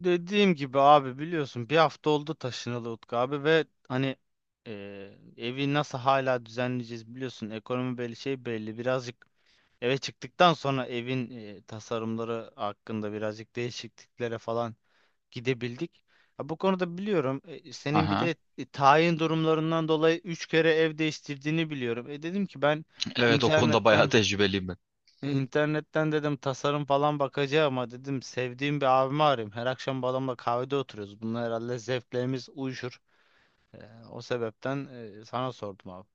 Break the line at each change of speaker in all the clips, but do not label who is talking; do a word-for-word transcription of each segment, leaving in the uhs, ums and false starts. Dediğim gibi abi, biliyorsun bir hafta oldu taşınalı Utku abi ve hani eee, evi nasıl hala düzenleyeceğiz biliyorsun, ekonomi belli şey belli, birazcık eve çıktıktan sonra evin eee, tasarımları hakkında birazcık değişikliklere falan gidebildik. Ha, bu konuda biliyorum, e, senin bir
Aha.
de e, tayin durumlarından dolayı üç kere ev değiştirdiğini biliyorum. E, dedim ki ben
Evet, o konuda bayağı
internetten
tecrübeliyim ben.
e, İnternetten dedim tasarım falan bakacağım ama dedim sevdiğim bir abimi arayayım. Her akşam bu adamla kahvede oturuyoruz. Bunlar herhalde zevklerimiz uyuşur. Ee, O sebepten e, sana sordum abi.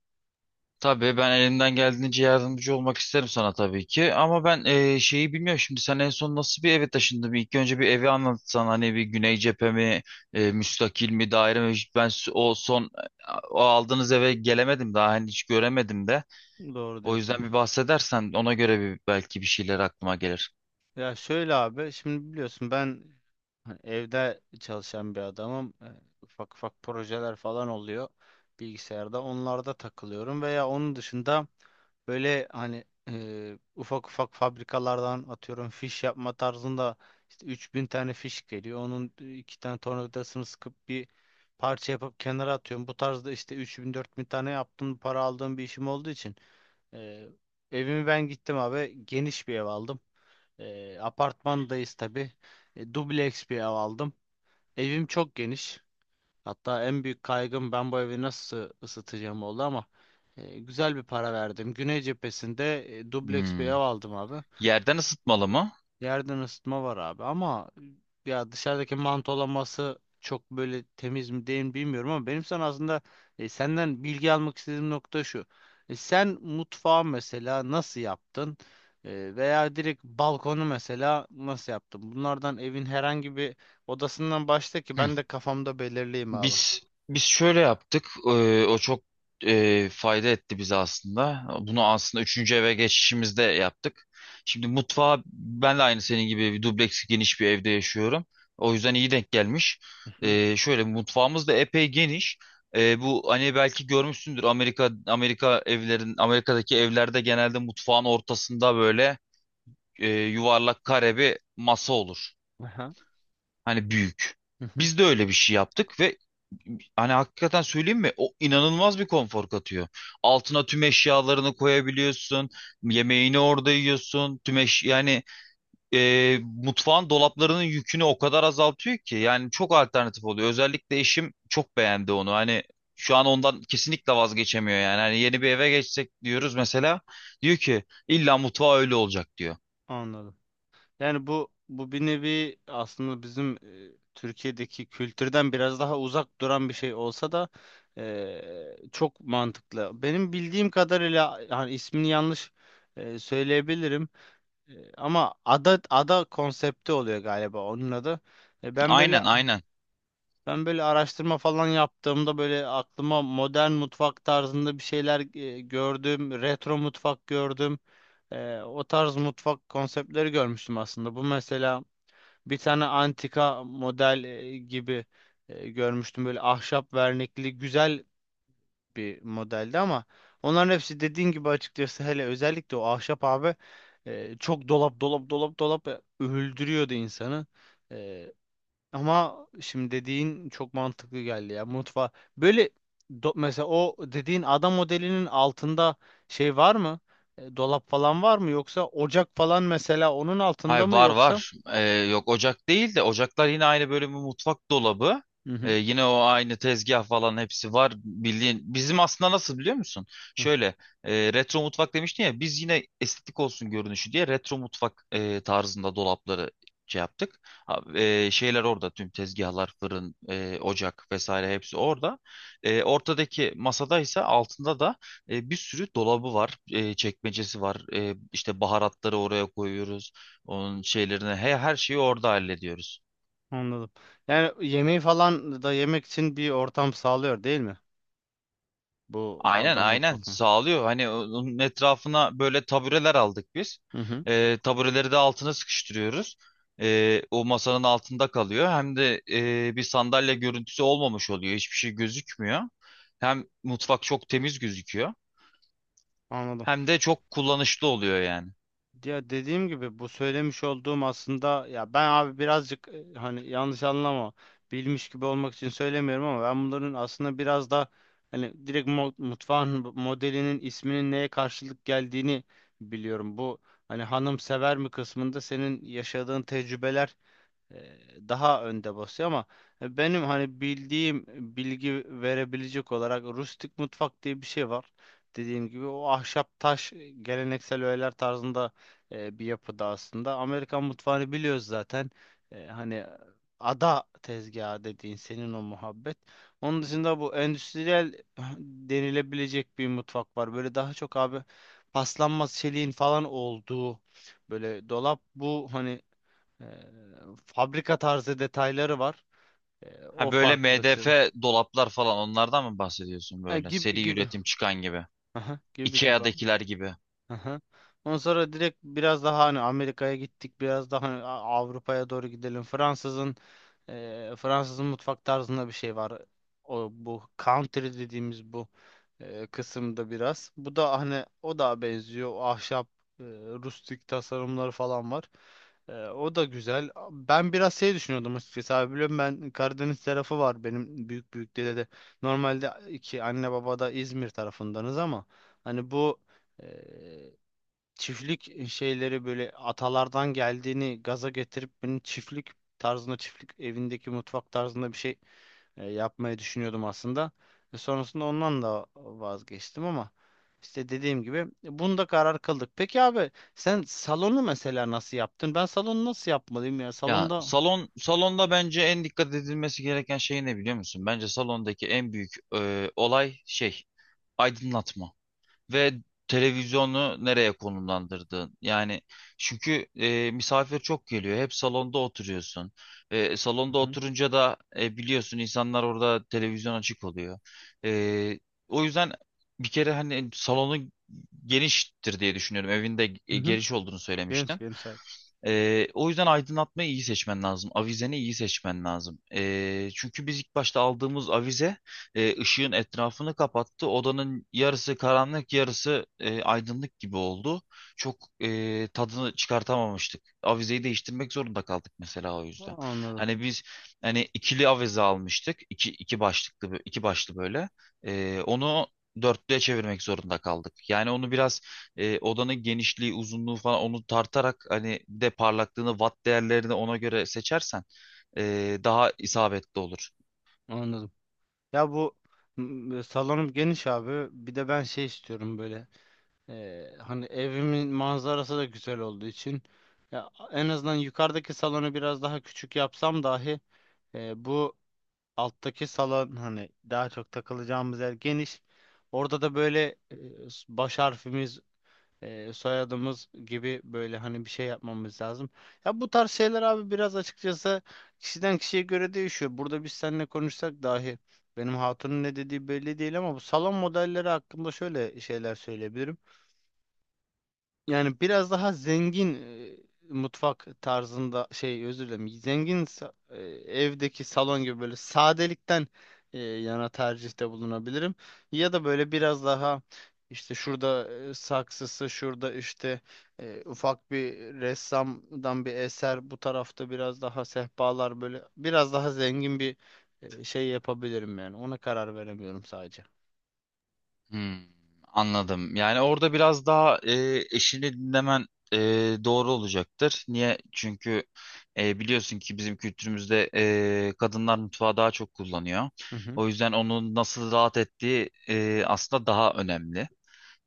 Tabii ben elimden geldiğince yardımcı olmak isterim sana tabii ki. Ama ben eee, şeyi bilmiyorum, şimdi sen en son nasıl bir eve taşındın? Bir İlk önce bir evi anlatsan, hani bir güney cephe mi, eee, müstakil mi, daire mi? Hiç Ben s- o son O aldığınız eve gelemedim daha, hani hiç göremedim de.
Doğru
O yüzden
diyorsun.
bir bahsedersen, ona göre bir belki bir şeyler aklıma gelir.
Ya şöyle abi, şimdi biliyorsun ben hani evde çalışan bir adamım. Ee, ufak ufak projeler falan oluyor bilgisayarda. Onlarda takılıyorum veya onun dışında böyle hani e, ufak ufak fabrikalardan atıyorum fiş yapma tarzında işte üç bin tane fiş geliyor. Onun e, iki tane tornavidasını sıkıp bir parça yapıp kenara atıyorum. Bu tarzda işte 3000 bin tane yaptım, para aldığım bir işim olduğu için. E, Evimi ben gittim abi, geniş bir ev aldım. E, apartmandayız tabii. E, dubleks bir ev aldım. Evim çok geniş. Hatta en büyük kaygım ben bu evi nasıl ısıtacağım oldu ama e, güzel bir para verdim. Güney cephesinde e, dubleks bir ev
Hmm.
aldım abi.
Yerden ısıtmalı mı?
Yerden ısıtma var abi ama e, ya dışarıdaki mantolaması çok böyle temiz mi değil mi bilmiyorum ama benim sana aslında e, senden bilgi almak istediğim nokta şu. E, sen mutfağı mesela nasıl yaptın? E, veya direkt balkonu mesela nasıl yaptın? Bunlardan evin herhangi bir odasından başla ki ben de kafamda belirleyeyim abi.
Biz biz şöyle yaptık. Ee, o çok e, fayda etti bize aslında. Bunu aslında üçüncü eve geçişimizde yaptık. Şimdi mutfağa, ben de aynı senin gibi bir dubleks geniş bir evde yaşıyorum. O yüzden iyi denk gelmiş. Ee, şöyle, mutfağımız da epey geniş. Ee, bu hani belki görmüşsündür, Amerika Amerika evlerin Amerika'daki evlerde genelde mutfağın ortasında böyle e, yuvarlak kare bir masa olur.
Aha.
Hani büyük.
Hı hı.
Biz de öyle bir şey yaptık ve hani hakikaten söyleyeyim mi? O inanılmaz bir konfor katıyor. Altına tüm eşyalarını koyabiliyorsun. Yemeğini orada yiyorsun. Tüm eş yani e, Mutfağın dolaplarının yükünü o kadar azaltıyor ki, yani çok alternatif oluyor. Özellikle eşim çok beğendi onu. Hani şu an ondan kesinlikle vazgeçemiyor yani. Hani yeni bir eve geçsek diyoruz mesela. Diyor ki illa mutfağı öyle olacak diyor.
Anladım. Yani bu bu bir nevi aslında bizim e, Türkiye'deki kültürden biraz daha uzak duran bir şey olsa da e, çok mantıklı. Benim bildiğim kadarıyla yani ismini yanlış e, söyleyebilirim. E, ama ada ada konsepti oluyor galiba onun adı. E, ben böyle
Aynen, aynen.
Ben böyle araştırma falan yaptığımda böyle aklıma modern mutfak tarzında bir şeyler e, gördüm, retro mutfak gördüm. Eee, o tarz mutfak konseptleri görmüştüm aslında. Bu mesela bir tane antika model e, gibi e, görmüştüm. Böyle ahşap vernikli güzel bir modeldi ama onların hepsi dediğin gibi açıkçası hele özellikle o ahşap abi e, çok dolap dolap dolap dolap e, öldürüyordu insanı. E, Ama şimdi dediğin çok mantıklı geldi ya. Mutfa böyle do- mesela o dediğin ada modelinin altında şey var mı? E, dolap falan var mı, yoksa ocak falan mesela onun
Hayır,
altında mı
var,
yoksa?
var. Ee, yok, ocak değil de ocaklar yine aynı bölümü, mutfak dolabı.
Hı
Ee,
hı.
yine o aynı tezgah falan hepsi var. Bildiğin, bizim aslında nasıl, biliyor musun?
Hı,
Şöyle, e, retro mutfak demiştin ya, biz yine estetik olsun görünüşü diye retro mutfak e, tarzında dolapları şey yaptık. Ha, e, şeyler orada, tüm tezgahlar, fırın, e, ocak vesaire hepsi orada. E, ortadaki masada ise altında da e, bir sürü dolabı var, e, çekmecesi var. E, işte baharatları oraya koyuyoruz. Onun şeylerine he, her şeyi orada hallediyoruz.
anladım. Yani yemeği falan da yemek için bir ortam sağlıyor değil mi? Bu
Aynen,
ada
aynen
mutfak.
sağlıyor. Hani onun etrafına böyle tabureler aldık biz.
Hı hı.
Ee, tabureleri de altına sıkıştırıyoruz. Ee, o masanın altında kalıyor. Hem de e, bir sandalye görüntüsü olmamış oluyor. Hiçbir şey gözükmüyor. Hem mutfak çok temiz gözüküyor.
Anladım.
Hem de çok kullanışlı oluyor yani.
Ya dediğim gibi bu söylemiş olduğum aslında, ya ben abi birazcık e, hani yanlış anlama, bilmiş gibi olmak için söylemiyorum ama ben bunların aslında biraz da hani direkt mo- mutfağın bu modelinin isminin neye karşılık geldiğini biliyorum. Bu hani hanım sever mi kısmında senin yaşadığın tecrübeler e, daha önde basıyor ama e, benim hani bildiğim bilgi verebilecek olarak rustik mutfak diye bir şey var. Dediğim gibi o ahşap taş e, geleneksel öğeler tarzında e, bir yapıda aslında. Amerikan mutfağını biliyoruz zaten. E, hani ada tezgahı dediğin senin o muhabbet. Onun dışında bu endüstriyel denilebilecek bir mutfak var. Böyle daha çok abi paslanmaz çeliğin falan olduğu böyle dolap bu hani ee, fabrika tarzı detayları var. Ee, o
Ha, böyle
farklılık senin.
M D F dolaplar falan, onlardan mı bahsediyorsun
Ha,
böyle?
gibi
Seri
gibi.
üretim çıkan gibi.
Aha, gibi gibi.
ikeadakiler gibi.
Aha. Ondan sonra direkt biraz daha hani Amerika'ya gittik, biraz daha hani A- Avrupa'ya doğru gidelim. Fransızın eee, Fransızın mutfak tarzında bir şey var. O bu country dediğimiz bu eee, kısımda biraz. Bu da hani o da benziyor. O ahşap, eee, rustik tasarımları falan var. Eee, o da güzel. Ben biraz şey düşünüyordum açıkçası abi. Biliyorum ben Karadeniz tarafı var benim büyük büyük dede de. Normalde iki anne baba da İzmir tarafındanız ama hani bu e, çiftlik şeyleri böyle atalardan geldiğini gaza getirip benim çiftlik tarzında çiftlik evindeki mutfak tarzında bir şey e, yapmayı düşünüyordum aslında. E, sonrasında ondan da vazgeçtim ama işte dediğim gibi bunda karar kıldık. Peki abi, sen salonu mesela nasıl yaptın? Ben salonu nasıl yapmalıyım ya?
Ya
Salonda.
salon, salonda bence en dikkat edilmesi gereken şey ne, biliyor musun? Bence salondaki en büyük e, olay şey aydınlatma ve televizyonu nereye konumlandırdığın. Yani çünkü e, misafir çok geliyor. Hep salonda oturuyorsun. E, salonda
Hı hı.
oturunca da e, biliyorsun, insanlar orada televizyon açık oluyor. E, O yüzden bir kere hani salonun geniştir diye düşünüyorum. Evinde
Hı
e,
hı.
geniş olduğunu
Geniş
söylemiştin.
geniş abi.
Ee, o yüzden aydınlatmayı iyi seçmen lazım. Avizeni iyi seçmen lazım. Ee, çünkü biz ilk başta aldığımız avize e, ışığın etrafını kapattı. Odanın yarısı karanlık, yarısı e, aydınlık gibi oldu. Çok e, tadını çıkartamamıştık. Avizeyi değiştirmek zorunda kaldık mesela o yüzden.
Anladım.
Hani biz hani ikili avize almıştık. İki, iki başlıklı, bö- iki başlı böyle. Ee, onu dörtlüye çevirmek zorunda kaldık. Yani onu biraz e, odanın genişliği, uzunluğu falan, onu tartarak, hani bir de parlaklığını, watt değerlerini ona göre seçersen e, daha isabetli olur.
Anladım. Ya bu m, salonum geniş abi. Bir de ben şey istiyorum böyle. Ee, hani evimin manzarası da güzel olduğu için ya en azından yukarıdaki salonu biraz daha küçük yapsam dahi e, bu alttaki salon hani daha çok takılacağımız yer geniş. Orada da böyle e, baş harfimiz, e, soyadımız gibi böyle hani bir şey yapmamız lazım. Ya bu tarz şeyler abi biraz açıkçası kişiden kişiye göre değişiyor. Burada biz seninle konuşsak dahi benim hatunun ne dediği belli değil ama bu salon modelleri hakkında şöyle şeyler söyleyebilirim. Yani biraz daha zengin e, mutfak tarzında şey, özür dilerim, zengin sa- e, evdeki salon gibi böyle sadelikten e, yana tercihte bulunabilirim. Ya da böyle biraz daha işte şurada e, saksısı şurada işte e, ufak bir ressamdan bir eser bu tarafta biraz daha sehpalar böyle biraz daha zengin bir e, şey yapabilirim, yani ona karar veremiyorum sadece.
Hmm, anladım. Yani Yani orada biraz daha e, eşini dinlemen e, doğru olacaktır. Niye? Çünkü e, biliyorsun ki bizim kültürümüzde e, kadınlar mutfağı daha çok kullanıyor.
Hı hı.
O yüzden onun nasıl rahat ettiği e, aslında daha önemli.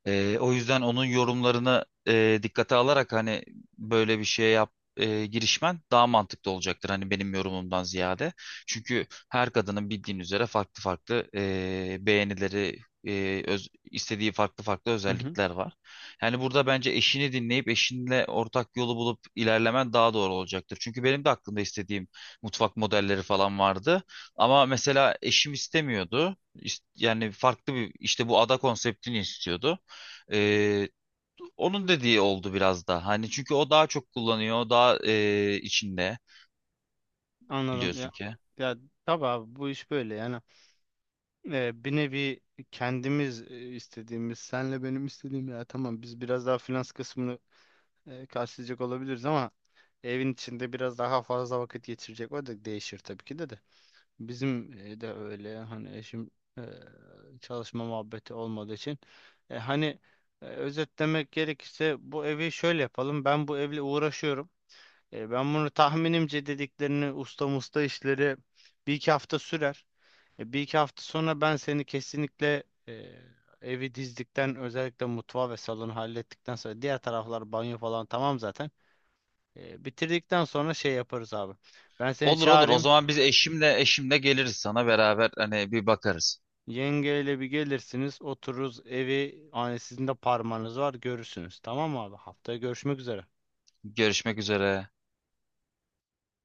Ee, o yüzden onun yorumlarını e, dikkate alarak, hani böyle bir şeye yap e, girişmen daha mantıklı olacaktır, hani benim yorumumdan ziyade. Çünkü her kadının bildiğin üzere farklı farklı e, beğenileri, e, öz- istediği farklı farklı
Hı hı.
özellikler var. Yani burada bence eşini dinleyip eşinle ortak yolu bulup ilerlemen daha doğru olacaktır. Çünkü benim de aklımda istediğim mutfak modelleri falan vardı. Ama mesela eşim istemiyordu. İst- Yani farklı bir, işte bu ada konseptini istiyordu. Ee, Onun dediği oldu biraz da. Hani çünkü o daha çok kullanıyor. o Daha e, içinde
Anladım
biliyorsun
ya.
ki.
Ya tabii abi bu iş böyle yani e, bir nevi kendimiz e, istediğimiz, senle benim istediğim ya tamam, biz biraz daha finans kısmını e, karşılayacak olabiliriz ama evin içinde biraz daha fazla vakit geçirecek o da değişir tabii ki de de. Bizim e, de öyle hani eşim e, çalışma muhabbeti olmadığı için e, hani e, özetlemek gerekirse bu evi şöyle yapalım. Ben bu evle uğraşıyorum. E, ben bunu tahminimce dediklerini usta musta işleri bir iki hafta sürer. E, Bir iki hafta sonra ben seni kesinlikle e, evi dizdikten özellikle mutfağı ve salonu hallettikten sonra diğer taraflar banyo falan tamam zaten. E, bitirdikten sonra şey yaparız abi. Ben seni
Olur, olur. O
çağırayım.
zaman biz eşimle eşimle geliriz sana, beraber hani bir bakarız.
Yengeyle bir gelirsiniz, otururuz evi. Hani sizin de parmağınız var, görürsünüz. Tamam mı abi? Haftaya görüşmek üzere.
Görüşmek üzere.